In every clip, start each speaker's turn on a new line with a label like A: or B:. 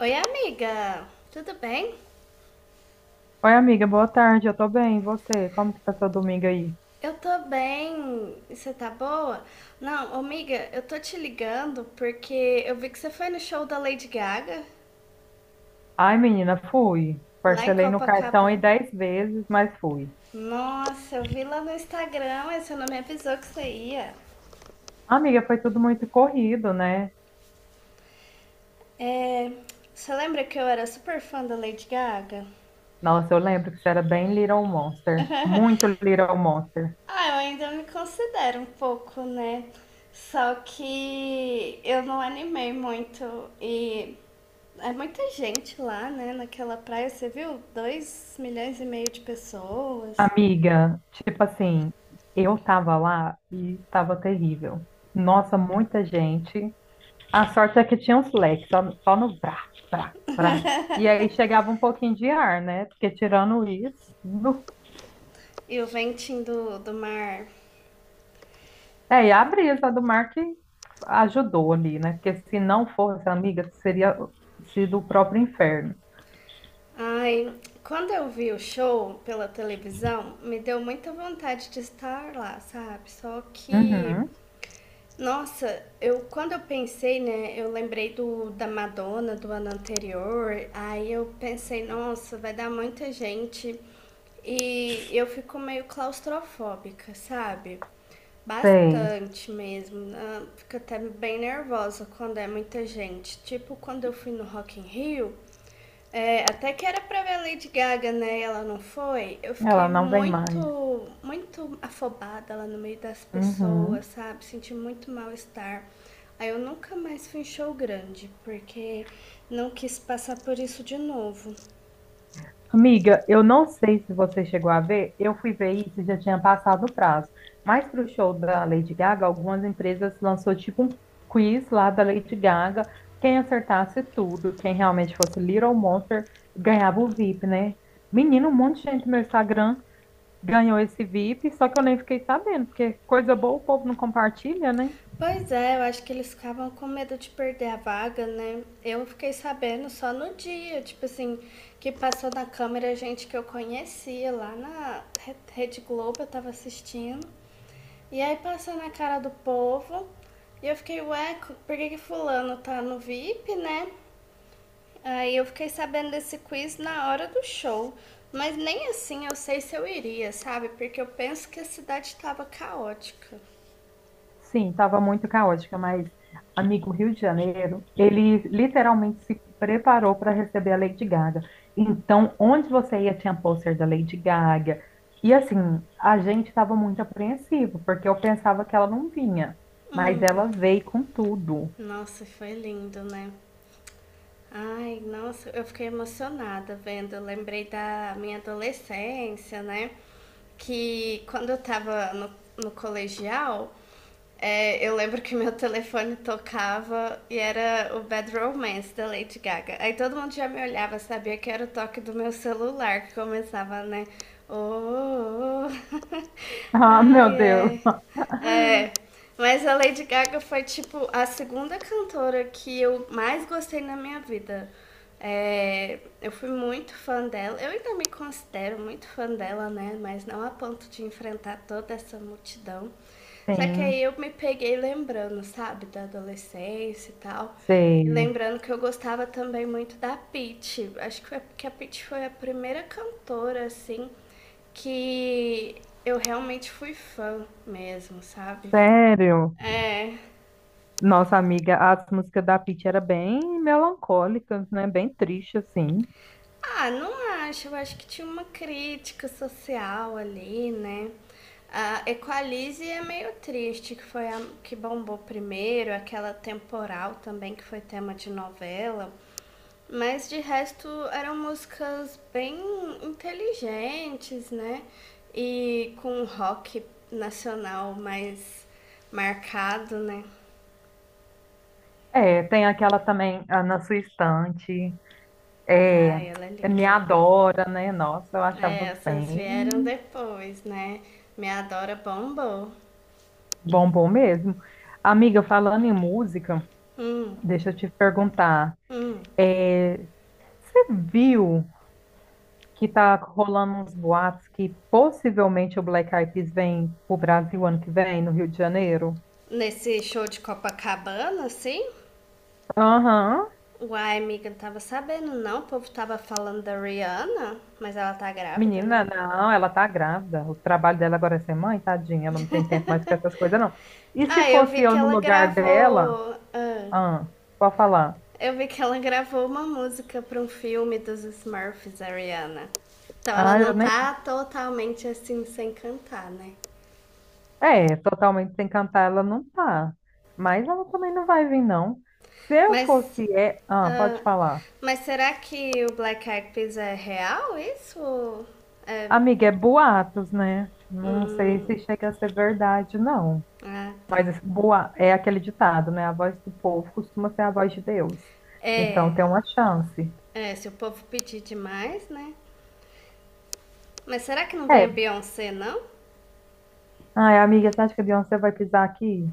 A: Oi, amiga. Tudo bem?
B: Oi, amiga, boa tarde. Eu tô bem, e você? Como que tá seu domingo aí?
A: Eu tô bem. E você tá boa? Não, amiga, eu tô te ligando porque eu vi que você foi no show da Lady Gaga
B: Ai, menina, fui.
A: lá em
B: Parcelei no cartão aí
A: Copacabana.
B: 10 vezes, mas fui.
A: Nossa, eu vi lá no Instagram, mas você não me avisou que você ia.
B: Amiga, foi tudo muito corrido, né?
A: É, você lembra que eu era super fã da Lady Gaga?
B: Nossa, eu lembro que você era bem Little Monster. Muito Little Monster.
A: Ah, eu ainda me considero um pouco, né? Só que eu não animei muito e é muita gente lá, né? Naquela praia, você viu? 2,5 milhões de pessoas
B: Amiga, tipo assim, eu tava lá e tava terrível. Nossa, muita gente. A sorte é que tinha uns leques, só no brá, brá, brá. E aí chegava um pouquinho de ar, né? Porque tirando isso, nu.
A: e o ventinho do mar.
B: É, e a brisa do mar que ajudou ali, né? Porque se não fosse amiga, seria sido o próprio inferno.
A: Ai, quando eu vi o show pela televisão, me deu muita vontade de estar lá, sabe? Só que
B: Uhum,
A: nossa, eu quando eu pensei, né, eu lembrei do da Madonna do ano anterior, aí eu pensei, nossa, vai dar muita gente e eu fico meio claustrofóbica, sabe?
B: sei.
A: Bastante mesmo. Fico até bem nervosa quando é muita gente. Tipo, quando eu fui no Rock in Rio, é, até que era pra ver a Lady Gaga, né? E ela não foi. Eu fiquei
B: Ela não vem mais.
A: muito, muito afobada lá no meio das pessoas,
B: Uhum.
A: sabe? Senti muito mal-estar. Aí eu nunca mais fui em show grande, porque não quis passar por isso de novo.
B: Amiga, eu não sei se você chegou a ver, eu fui ver isso e já tinha passado o prazo. Mas para o show da Lady Gaga, algumas empresas lançou tipo um quiz lá da Lady Gaga. Quem acertasse tudo, quem realmente fosse Little Monster, ganhava o VIP, né? Menino, um monte de gente no meu Instagram ganhou esse VIP, só que eu nem fiquei sabendo, porque coisa boa o povo não compartilha, né?
A: Pois é, eu acho que eles ficavam com medo de perder a vaga, né? Eu fiquei sabendo só no dia, tipo assim, que passou na câmera gente que eu conhecia lá na Rede Globo, eu tava assistindo. E aí passou na cara do povo e eu fiquei, ué, por que, que fulano tá no VIP, né? Aí eu fiquei sabendo desse quiz na hora do show. Mas nem assim eu sei se eu iria, sabe? Porque eu penso que a cidade tava caótica.
B: Sim, estava muito caótica, mas amigo Rio de Janeiro, ele literalmente se preparou para receber a Lady Gaga. Então, onde você ia tinha pôster da Lady Gaga. E assim, a gente estava muito apreensivo, porque eu pensava que ela não vinha, mas ela
A: Hum,
B: veio com tudo.
A: nossa, foi lindo, né? Ai, nossa, eu fiquei emocionada vendo. Eu lembrei da minha adolescência, né? Que quando eu tava no colegial, eu lembro que meu telefone tocava e era o Bad Romance da Lady Gaga. Aí todo mundo já me olhava, sabia que era o toque do meu celular que começava, né? Oh, oh, oh.
B: Ah, meu
A: Ai,
B: Deus.
A: ai. É, mas a Lady Gaga foi, tipo, a segunda cantora que eu mais gostei na minha vida. É, eu fui muito fã dela. Eu ainda me considero muito fã dela, né? Mas não a ponto de enfrentar toda essa multidão. Só que aí
B: Sim,
A: eu me peguei lembrando, sabe, da adolescência e tal. E
B: sei.
A: lembrando que eu gostava também muito da Pitty. Acho que foi porque a Pitty foi a primeira cantora, assim, que eu realmente fui fã mesmo, sabe?
B: Sério?
A: É.
B: Nossa amiga, as músicas da Pitty era bem melancólicas, né? Bem triste, assim.
A: Ah, não acho. Eu acho que tinha uma crítica social ali, né? A Equalize é meio triste, que foi a que bombou primeiro, aquela temporal também, que foi tema de novela. Mas de resto eram músicas bem inteligentes, né? E com um rock nacional mais marcado, né?
B: É, tem aquela também, ah, Na Sua Estante, é,
A: Ai, ela é
B: é, Me
A: linda.
B: Adora, né? Nossa, eu
A: É,
B: achava
A: essas vieram
B: bem
A: depois, né? Me adora bombou.
B: bom, bom mesmo. Amiga, falando em música,
A: Hum,
B: deixa eu te perguntar,
A: hum.
B: é, você viu que tá rolando uns boatos que possivelmente o Black Eyed Peas vem pro Brasil ano que vem, no Rio de Janeiro?
A: Nesse show de Copacabana, assim?
B: Aham.
A: Uai, amiga, não tava sabendo não. O povo tava falando da Rihanna, mas ela tá grávida,
B: Menina,
A: né?
B: não, ela tá grávida. O trabalho dela agora é ser mãe, tadinha. Ela não tem tempo mais pra essas coisas, não. E se
A: Ah, eu vi
B: fosse
A: que
B: eu no
A: ela
B: lugar dela?
A: gravou.
B: Ah, pode falar.
A: Eu vi que ela gravou uma música pra um filme dos Smurfs, a Rihanna. Então ela
B: Ah,
A: não
B: eu nem vi.
A: tá totalmente assim sem cantar, né?
B: É, totalmente sem cantar ela não tá. Mas ela também não vai vir, não. Se eu
A: Mas.
B: fosse... É... Ah,
A: ah,
B: pode falar.
A: mas será que o Black Eyed Peas é real isso? É.
B: Amiga, é boatos, né? Não sei
A: Hum,
B: se chega a ser verdade, não.
A: ah,
B: Mas
A: tá.
B: esse boa... é aquele ditado, né? A voz do povo costuma ser a voz de Deus. Então
A: É.
B: tem uma chance.
A: É, se o povo pedir demais, né? Mas será que não vem
B: É,
A: a Beyoncé, não?
B: ai, amiga, você acha que a Beyoncé vai pisar aqui?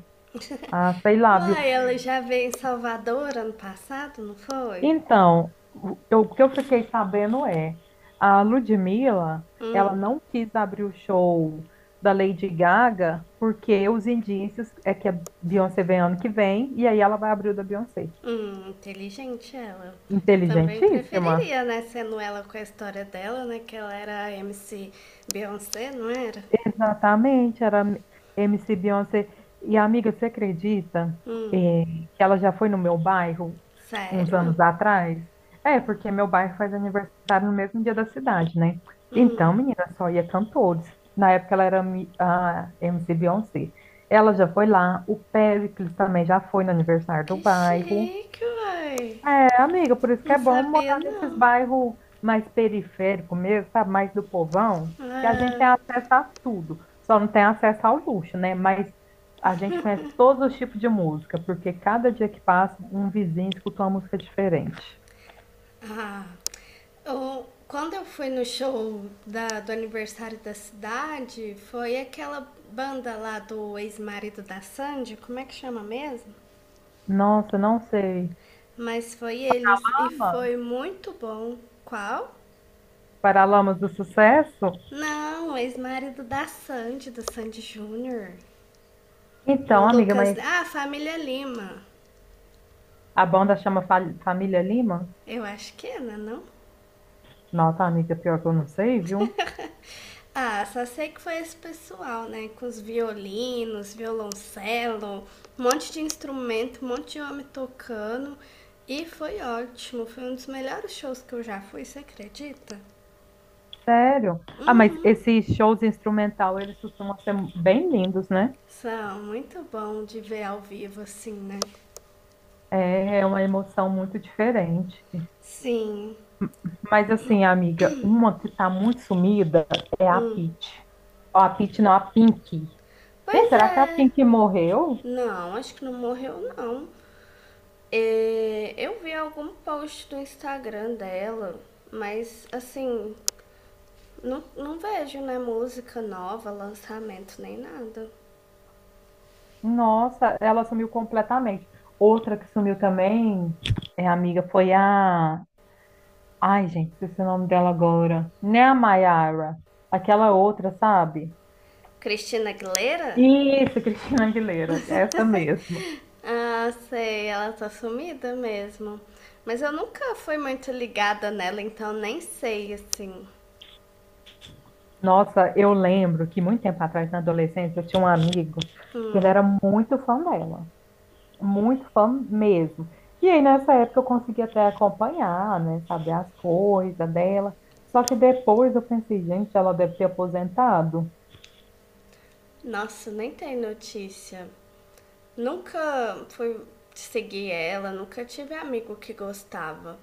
B: Ah, sei lá, viu?
A: Uai, ela já veio em Salvador ano passado, não foi?
B: Então, o que eu fiquei sabendo é, a Ludmilla, ela
A: Hum,
B: não quis abrir o show da Lady Gaga, porque os indícios é que a Beyoncé vem ano que vem, e aí ela vai abrir o da Beyoncé.
A: inteligente ela. Eu também
B: Inteligentíssima.
A: preferiria, né? Sendo ela com a história dela, né? Que ela era a MC Beyoncé, não era?
B: Exatamente, era MC Beyoncé. E, amiga, você acredita,
A: Hum,
B: eh, que ela já foi no meu bairro? Uns
A: sério?
B: anos atrás. É, porque meu bairro faz aniversário no mesmo dia da cidade, né? Então,
A: Hum,
B: menina, só ia cantores. Na época ela era a MC Beyoncé. Ela já foi lá, o Péricles também já foi no aniversário do
A: Que
B: bairro.
A: chique, uai.
B: É, amiga, por isso que
A: Não
B: é bom
A: sabia,
B: morar nesses
A: não.
B: bairros mais periféricos mesmo, sabe? Mais do povão, que a gente
A: Ah,
B: tem acesso a tudo. Só não tem acesso ao luxo, né? Mas a gente conhece todos os tipos de música, porque cada dia que passa, um vizinho escuta uma música diferente.
A: ah, quando eu fui no show do aniversário da cidade, foi aquela banda lá do ex-marido da Sandy, como é que chama mesmo?
B: Nossa, não sei.
A: Mas foi eles e
B: Ama?
A: foi muito bom. Qual?
B: Paralamas do Sucesso?
A: Não, o ex-marido da Sandy, do Sandy Júnior. O
B: Então, amiga,
A: Lucas.
B: mas
A: Ah, a família Lima.
B: a banda chama Família Lima?
A: Eu acho que é, né, não?
B: Nossa, amiga, pior que eu não sei, viu?
A: Ah, só sei que foi esse pessoal, né? Com os violinos, violoncelo, um monte de instrumento, um monte de homem tocando. E foi ótimo, foi um dos melhores shows que eu já fui, você acredita?
B: Sério? Ah, mas
A: Uhum,
B: esses shows instrumental, eles costumam ser bem lindos, né?
A: são muito bom de ver ao vivo assim, né?
B: É uma emoção muito diferente.
A: Sim,
B: Mas assim, amiga, uma que tá muito sumida é a
A: hum.
B: Pitty. Ó, a Pitty não, a Pink. Gente,
A: Pois
B: será que a
A: é.
B: Pink morreu?
A: Não, acho que não morreu não. É, eu vi algum post do Instagram dela, mas assim, não, não vejo, né? Música nova, lançamento, nem nada.
B: Nossa, ela sumiu completamente. Outra que sumiu também, amiga, foi a... Ai, gente, esqueci o nome dela agora. Né, a Mayara? Aquela outra, sabe?
A: Cristina Aguilera?
B: Isso, Cristina Aguilera, essa mesmo.
A: Ah, sei, ela tá sumida mesmo. Mas eu nunca fui muito ligada nela, então nem sei, assim.
B: Nossa, eu lembro que muito tempo atrás, na adolescência, eu tinha um amigo que ele
A: Hum,
B: era muito fã dela, muito fã mesmo. E aí, nessa época, eu conseguia até acompanhar, né, saber as coisas dela. Só que depois eu pensei, gente, ela deve ter aposentado.
A: nossa, nem tem notícia. Nunca fui seguir ela, nunca tive amigo que gostava.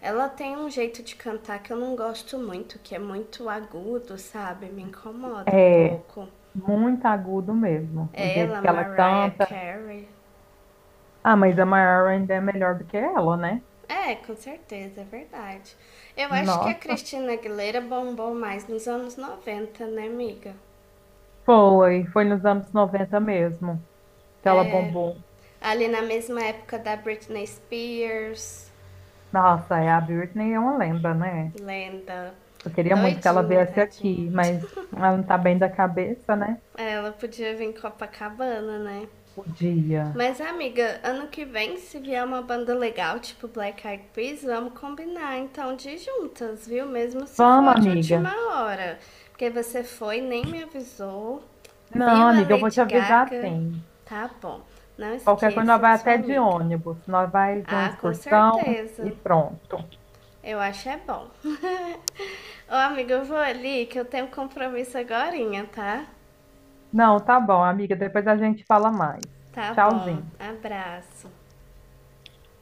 A: Ela tem um jeito de cantar que eu não gosto muito, que é muito agudo, sabe? Me incomoda um
B: É,
A: pouco.
B: muito agudo mesmo, o
A: É
B: jeito
A: ela,
B: que ela
A: Mariah
B: canta.
A: Carey.
B: Ah, mas a Mariah ainda é melhor do que ela, né?
A: É, com certeza, é verdade. Eu acho que a
B: Nossa,
A: Cristina Aguilera bombou mais nos anos 90, né, amiga?
B: foi nos anos 90 mesmo que ela
A: É,
B: bombou.
A: ali na mesma época da Britney Spears,
B: Nossa, é, a Britney é uma lenda, né?
A: lenda.
B: Eu queria muito que ela
A: Doidinha,
B: viesse
A: tadinha.
B: aqui, mas ela não tá bem da cabeça, né?
A: Ela podia vir em Copacabana, né?
B: Podia.
A: Mas, amiga, ano que vem, se vier uma banda legal, tipo Black Eyed Peas, vamos combinar então de ir juntas, viu? Mesmo se for
B: Vamos,
A: de última
B: amiga.
A: hora. Porque você foi, nem me avisou.
B: Não,
A: Viu a
B: amiga, eu vou te
A: Lady
B: avisar
A: Gaga?
B: sim.
A: Tá bom. Não
B: Qualquer coisa, nós
A: esqueça
B: vai
A: de sua
B: até de
A: amiga.
B: ônibus, nós vai de uma
A: Ah, com
B: excursão e
A: certeza.
B: pronto.
A: Eu acho é bom. Ô, amiga, eu vou ali que eu tenho um compromisso agorinha, tá?
B: Não, tá bom, amiga, depois a gente fala mais.
A: Tá bom.
B: Tchauzinho.
A: Abraço.